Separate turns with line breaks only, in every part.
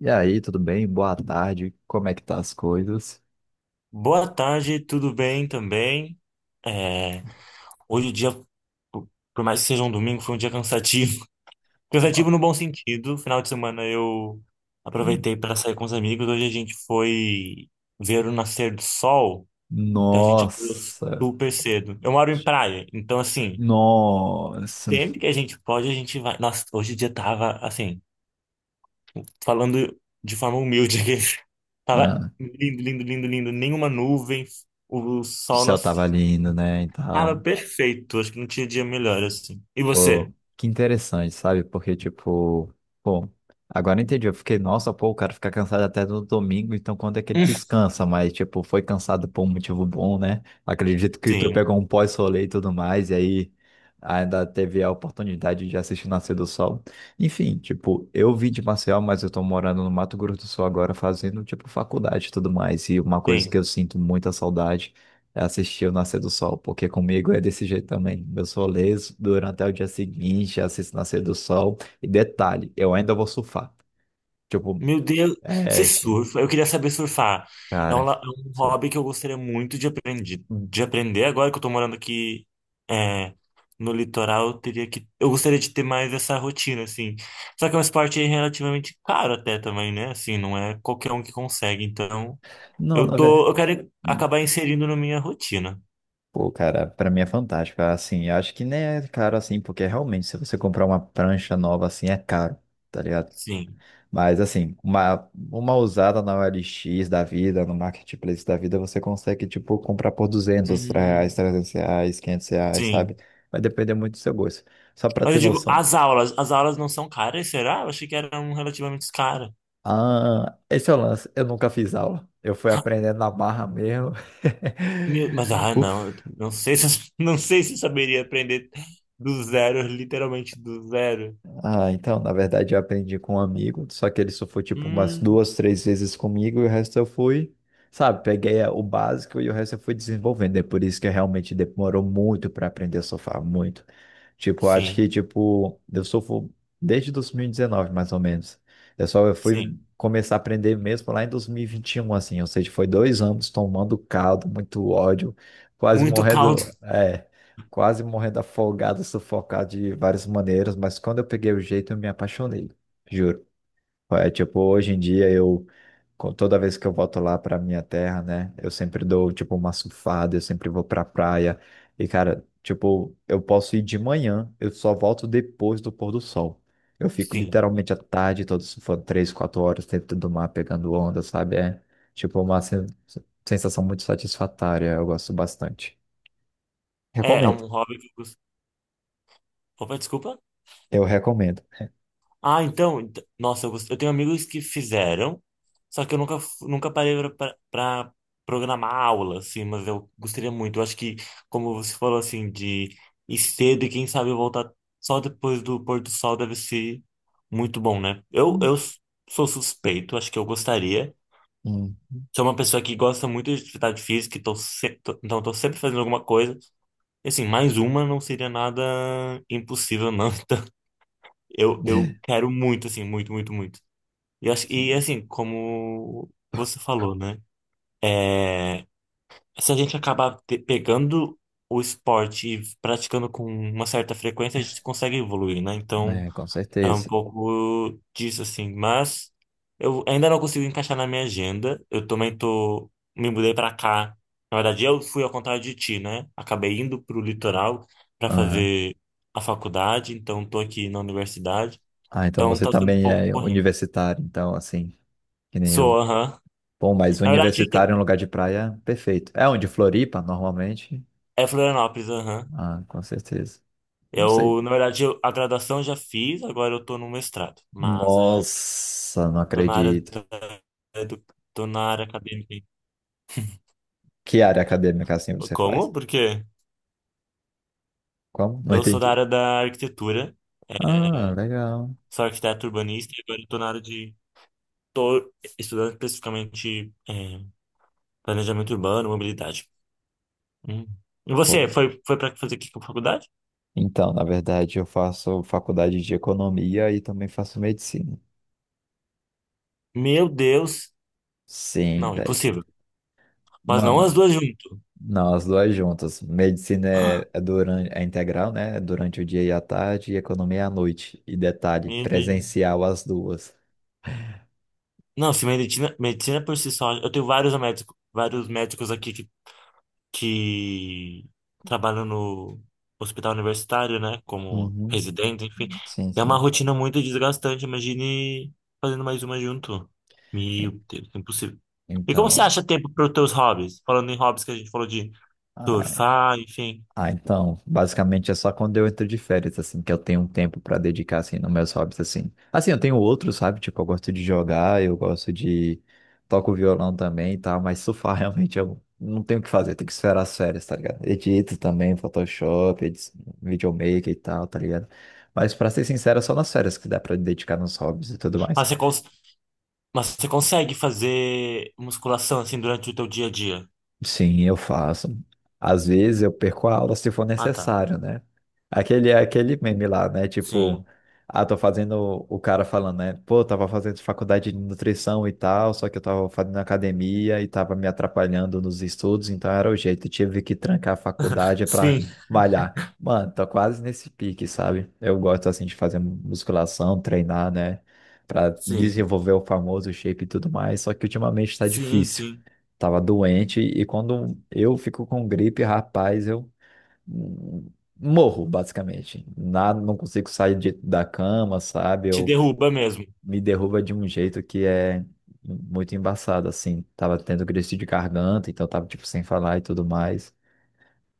E aí, tudo bem? Boa tarde. Como é que tá as coisas?
Boa tarde, tudo bem também? É, hoje o dia, por por mais que seja um domingo, foi um dia cansativo. Cansativo
No-
no bom sentido. Final de semana eu aproveitei para sair com os amigos. Hoje a gente foi ver o nascer do sol, então a gente acordou
Nossa,
super cedo. Eu moro em praia, então assim,
nossa.
sempre que a gente pode, a gente vai. Nossa, hoje o dia tava assim, falando de forma humilde aqui. Tava
Ah,
lindo, lindo, lindo, lindo. Nenhuma nuvem, o
o
sol
céu
nasceu.
tava lindo, né? E
Cara,
tal.
perfeito. Acho que não tinha dia melhor assim. E você?
Pô, que interessante, sabe? Porque, tipo, pô, agora eu entendi. Eu fiquei, nossa, pô, o cara fica cansado até no domingo, então quando é que ele descansa? Mas, tipo, foi cansado por um motivo bom, né? Acredito que tu
Sim,
pegou um pós-rolê e tudo mais, e aí ainda teve a oportunidade de assistir Nascer do Sol. Enfim, tipo, eu vim de Maceió, mas eu tô morando no Mato Grosso do Sul agora, fazendo, tipo, faculdade e tudo mais. E uma coisa que
sim.
eu sinto muita saudade assistir o nascer do sol, porque comigo é desse jeito também. Eu sou leso durante até o dia seguinte, assisto o nascer do sol. E detalhe, eu ainda vou surfar. Tipo,
Meu Deus, você
é,
surfa? Eu queria saber surfar. É um,
cara.
la- é um
sou-
hobby que eu gostaria muito de aprender. Agora que eu tô morando aqui, é, no litoral, eu gostaria de ter mais essa rotina, assim. Só que é um esporte relativamente caro até também, né? Assim, não é qualquer um que consegue. Então,
Não, na verdade.
eu quero
Não.
acabar inserindo na minha rotina.
Pô, cara, pra mim é fantástico. Assim, eu acho que nem é caro assim, porque realmente, se você comprar uma prancha nova assim, é caro, tá ligado?
Sim.
Mas assim, uma usada na OLX da vida, no Marketplace da vida, você consegue, tipo, comprar por R$ 200,
Hum,
R$ 300, R$ 500, sabe?
sim.
Vai depender muito do seu gosto. Só pra
Mas
ter
eu digo,
noção.
as aulas não são caras, será? Eu achei que eram relativamente caras.
Ah, esse é o lance. Eu nunca fiz aula. Eu fui aprendendo na barra mesmo.
Meu, mas ah,
O
não, eu não sei se não sei se eu saberia aprender do zero, literalmente do zero.
Ah, então, na verdade, eu aprendi com um amigo, só que ele só foi tipo umas
Hum,
2, 3 vezes comigo e o resto eu fui, sabe, peguei o básico e o resto eu fui desenvolvendo. É por isso que realmente demorou muito para aprender a surfar, muito. Tipo, eu acho
sim,
que, tipo, eu surfo desde 2019, mais ou menos. Eu só fui
sim.
começar a aprender mesmo lá em 2021, assim, ou seja, foi 2 anos tomando caldo, muito ódio, quase
Muito caldo,
morrendo, é quase morrendo afogado, sufocado de várias maneiras, mas quando eu peguei o jeito, eu me apaixonei, juro. É tipo, hoje em dia eu, toda vez que eu volto lá pra minha terra, né, eu sempre dou, tipo, uma surfada, eu sempre vou pra praia, e cara, tipo, eu posso ir de manhã, eu só volto depois do pôr do sol. Eu fico
sim.
literalmente a tarde todo surfando, 3, 4 horas dentro do mar, pegando onda, sabe? É, tipo, sensação muito satisfatória, eu gosto bastante.
É
Recomendo,
um hobby que eu gosto. Opa, desculpa.
eu recomendo.
Ah, então, nossa, eu tenho amigos que fizeram, só que eu nunca parei pra programar aula, assim, mas eu gostaria muito. Eu acho que, como você falou, assim, de ir cedo e quem sabe voltar só depois do pôr do sol deve ser muito bom, né? Eu,
Hum.
eu s- sou suspeito, acho que eu gostaria. Sou uma pessoa que gosta muito de atividade física, então tô sempre fazendo alguma coisa. E, assim, mais uma não seria nada impossível, não. Então, eu quero muito, assim, muito, muito, muito. E
Sim,
assim, como você falou, né? É, se a gente acabar pegando o esporte e praticando com uma certa frequência, a gente consegue evoluir, né? Então,
né, com
é um
certeza.
pouco disso, assim. Mas eu ainda não consigo encaixar na minha agenda. Eu também tô... Me mudei pra cá. Na verdade, eu fui ao contrário de ti, né? Acabei indo pro litoral pra
Aham.
fazer a faculdade. Então, tô aqui na universidade.
Ah, então
Então,
você
tá sendo um
também
pouco
é
corrido.
universitário, então, assim, que nem
Sou,
eu.
aham.
Bom, mas
Na verdade,
universitário em um lugar de praia, perfeito. É onde? Floripa, normalmente?
é Florianópolis, aham.
Ah, com certeza. Não sei.
Eu, na verdade, eu- a graduação eu já fiz, agora eu tô no mestrado. Mas é,
Nossa, não
tô na área
acredito.
da, é do, tô na área acadêmica.
Que área acadêmica assim você
Como?
faz?
Por quê?
Como? Não
Eu sou da
entendi.
área da arquitetura,
Ah,
é,
legal.
sou arquiteto urbanista e agora eu tô na área de... Tô estudando especificamente planejamento urbano, mobilidade. Hum. E
Pô,
você, foi pra fazer que faculdade?
então, na verdade, eu faço faculdade de economia e também faço medicina.
Meu Deus!
Sim,
Não,
velho.
impossível. Mas não as
Mano.
duas junto.
Não, as duas juntas. Medicina é durante, é integral, né? É durante o dia e a tarde, e economia é à noite. E detalhe,
Meu Deus.
presencial as duas.
Não, se medicina, medicina por si só, eu tenho vários médicos aqui que trabalham no hospital universitário, né, como
Uhum.
residente, enfim.
Sim,
É uma
sim.
rotina muito desgastante, imagine fazendo mais uma junto. Meu
E-
Deus, é impossível. E como você
Então,
acha tempo para os teus hobbies? Falando em hobbies que a gente falou de
ah,
surfar, enfim.
Ah, então, basicamente é só quando eu entro de férias, assim, que eu tenho um tempo pra dedicar, assim, nos meus hobbies, assim. Assim, eu tenho outros, sabe? Tipo, eu gosto de jogar, eu gosto de... Toco violão também e tal, mas surfar realmente eu não tenho o que fazer, eu tenho que esperar as férias, tá ligado? Edito também, Photoshop, videomaker e tal, tá ligado? Mas pra ser sincero, é só nas férias que dá pra dedicar nos hobbies e tudo mais.
Mas você, cons mas você consegue fazer musculação assim durante o teu dia a dia?
Sim, eu faço. Às vezes eu perco a aula se for
Ah, tá.
necessário, né? Aquele, aquele meme lá, né? Tipo,
Sim.
ah, tô fazendo o cara falando, né? Pô, tava fazendo faculdade de nutrição e tal, só que eu tava fazendo academia e tava me atrapalhando nos estudos, então era o jeito, tive que trancar a faculdade pra
Sim.
malhar. Mano, tô quase nesse pique, sabe? Eu gosto assim de fazer musculação, treinar, né? Pra
Sim.
desenvolver o famoso shape e tudo mais, só que ultimamente tá
Sim,
difícil.
sim.
Tava doente e quando eu fico com gripe, rapaz, eu hum, morro, basicamente. Nada, não consigo sair da cama, sabe?
Te
Eu
derruba mesmo.
me derruba de um jeito que é muito embaçado, assim. Tava tendo crise de garganta, então tava, tipo, sem falar e tudo mais.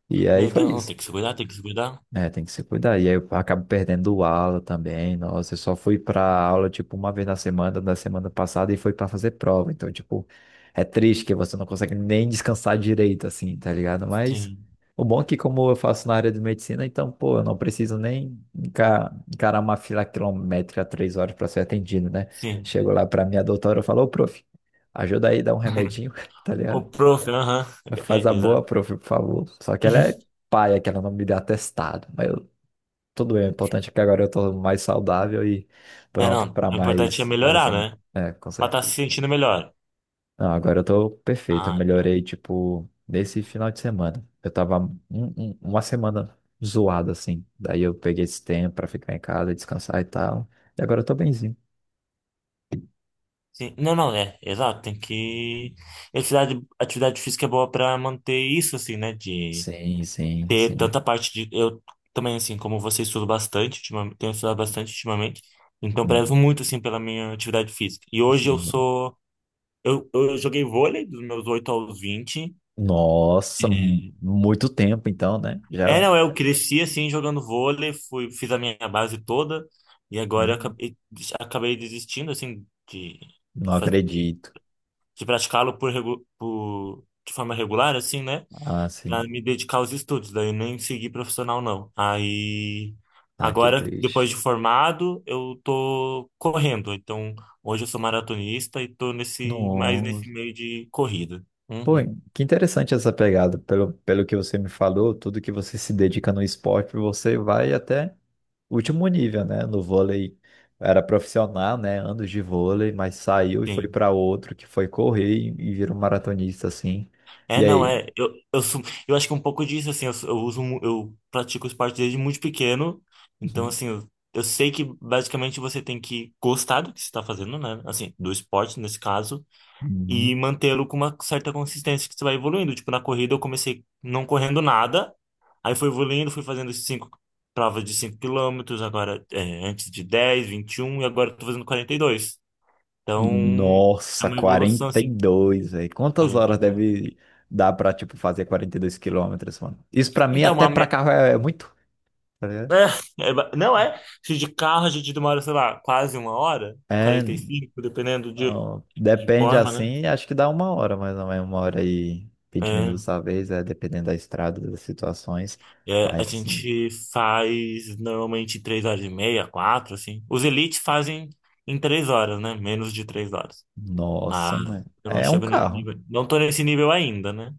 E aí
Meu
foi
Deus, não, tem
isso.
que se cuidar, tem que se cuidar.
É, tem que se cuidar. E aí eu acabo perdendo o aula também. Nossa, eu só fui pra aula, tipo, uma vez na semana, da semana passada, e foi pra fazer prova. Então, tipo, é triste que você não consegue nem descansar direito, assim, tá ligado? Mas
Sim,
o bom é que, como eu faço na área de medicina, então, pô, eu não preciso nem encarar uma fila quilométrica 3 horas pra ser atendido, né?
sim.
Chego lá pra minha doutora, eu falo, ô, prof, ajuda aí, dá um remedinho, tá
O
ligado?
prof, aham. É,
Faz a
é, exato.
boa, prof, por favor. Só que ela é paia, que ela não me dá atestado tudo bem. O importante é que agora eu tô mais saudável e
É,
pronto
não,
para
o importante é
mais várias.
melhorar, né?
É, com
Pra estar se
certeza.
sentindo melhor.
Não, agora eu tô perfeito. Eu
Ah, tá.
melhorei, tipo, nesse final de semana. Eu tava uma semana zoada, assim. Daí eu peguei esse tempo pra ficar em casa, descansar e tal. E agora eu tô benzinho.
Sim, não, não, é, exato, tem que... Atividade física é boa pra manter isso, assim, né? De
Sim, sim,
ter
sim.
tanta parte de... Eu também, assim, como você estudo bastante, ultimamente, tenho estudado bastante ultimamente, então prezo
Hum.
muito, assim, pela minha atividade física. E hoje eu
Sim.
sou... Eu joguei vôlei dos meus 8 aos vinte.
Nossa,
E...
muito tempo então, né?
É,
Já,
não, eu cresci assim jogando vôlei, fiz a minha base toda e agora
né?
eu acabei desistindo assim
Não
faz- de,
acredito.
de praticá-lo de forma regular, assim, né?
Ah,
Pra
sim.
me dedicar aos estudos, daí nem segui profissional não. Aí
Ah, que
agora, depois
triste.
de formado, eu tô correndo. Então, hoje eu sou maratonista e tô mais nesse
Nossa.
meio de corrida.
Pô,
Uhum,
que interessante essa pegada. Pelo que você me falou, tudo que você se dedica no esporte, você vai até o último nível, né? No vôlei era profissional, né? Anos de vôlei, mas saiu e foi
sim.
para outro que foi correr e virou maratonista, assim.
É,
E
não,
aí?
é. Eu acho que um pouco disso, assim, eu, sou- eu uso, mu- eu pratico esporte desde muito pequeno. Então, assim, eu sei que basicamente você tem que gostar do que você está fazendo, né? Assim, do esporte nesse caso, e
Uhum.
mantê-lo com uma certa consistência que você vai evoluindo. Tipo, na corrida eu comecei não correndo nada, aí fui evoluindo, fui fazendo cinco provas de 5 quilômetros, agora antes de dez vinte e um e agora eu tô fazendo quarenta e dois. Então, é
Nossa,
uma evolução,
quarenta e
assim,
dois velho. Quantas horas
42.
deve dar para, tipo, fazer 42 quilômetros, mano? Isso para mim,
Então,
até
uma,
para
me-
carro, é, é muito. Tá ligado?
É, é ba- não é? Se de carro a gente demora, sei lá, quase uma hora,
É.
45 dependendo de,
Então,
de
depende
forma, né?
assim, acho que dá 1 hora, mais ou menos, 1 hora e 20
É,
minutos talvez, é, dependendo da estrada, das situações.
é, a
Mas sim,
gente faz normalmente três horas e meia, quatro, assim. Os elites fazem em três horas, né? Menos de três horas. Mas
nossa, mano.
eu não
É um
chego nesse
carro.
nível. Não tô nesse nível ainda, né?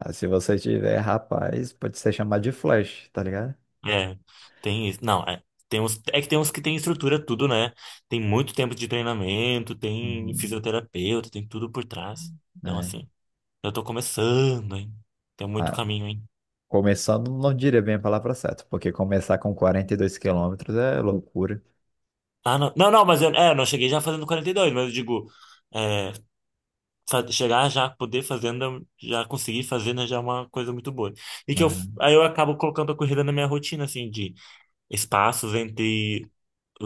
Ah, se você tiver, rapaz, pode ser chamado de Flash, tá ligado?
É, tem isso. Não, é. Tem uns que tem estrutura, tudo, né? Tem muito tempo de treinamento, tem
Uhum.
fisioterapeuta, tem tudo por trás. Então,
É.
assim. Eu tô começando, hein? Tem muito
Ah,
caminho, hein?
começando, não diria bem a palavra certa, porque começar com 42 quilômetros é loucura.
Ah, não. Não, não, mas eu não cheguei já fazendo quarenta e dois, mas eu digo, é, chegar já, já conseguir fazer, né, já é uma coisa muito boa. E que eu,
Uhum.
aí eu acabo colocando a corrida na minha rotina, assim, de espaços entre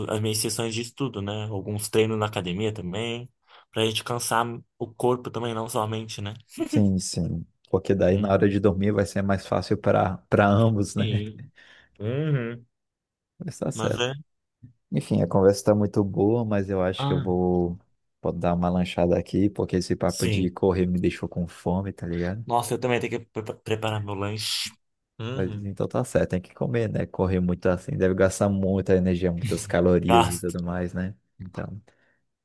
as minhas sessões de estudo, né? Alguns treinos na academia também, pra gente cansar o corpo também, não só a mente, né?
Sim, sim. Porque daí na
Uhum.
hora de dormir vai ser mais fácil para ambos, né?
Sim. Uhum.
Mas tá
Mas
certo.
é.
Enfim, a conversa está muito boa, mas eu acho que eu
Ah,
vou dar uma lanchada aqui, porque esse papo de
sim.
correr me deixou com fome, tá ligado?
Nossa, eu também tenho que preparar meu lanche.
Mas
Uhum.
então tá certo, tem que comer, né? Correr muito assim, deve gastar muita energia, muitas calorias e
Gasto.
tudo mais, né? Então,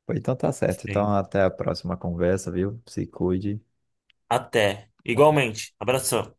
pois então tá certo. Então
Sim.
até a próxima conversa, viu? Se cuide.
Até.
Até.
Igualmente. Abração.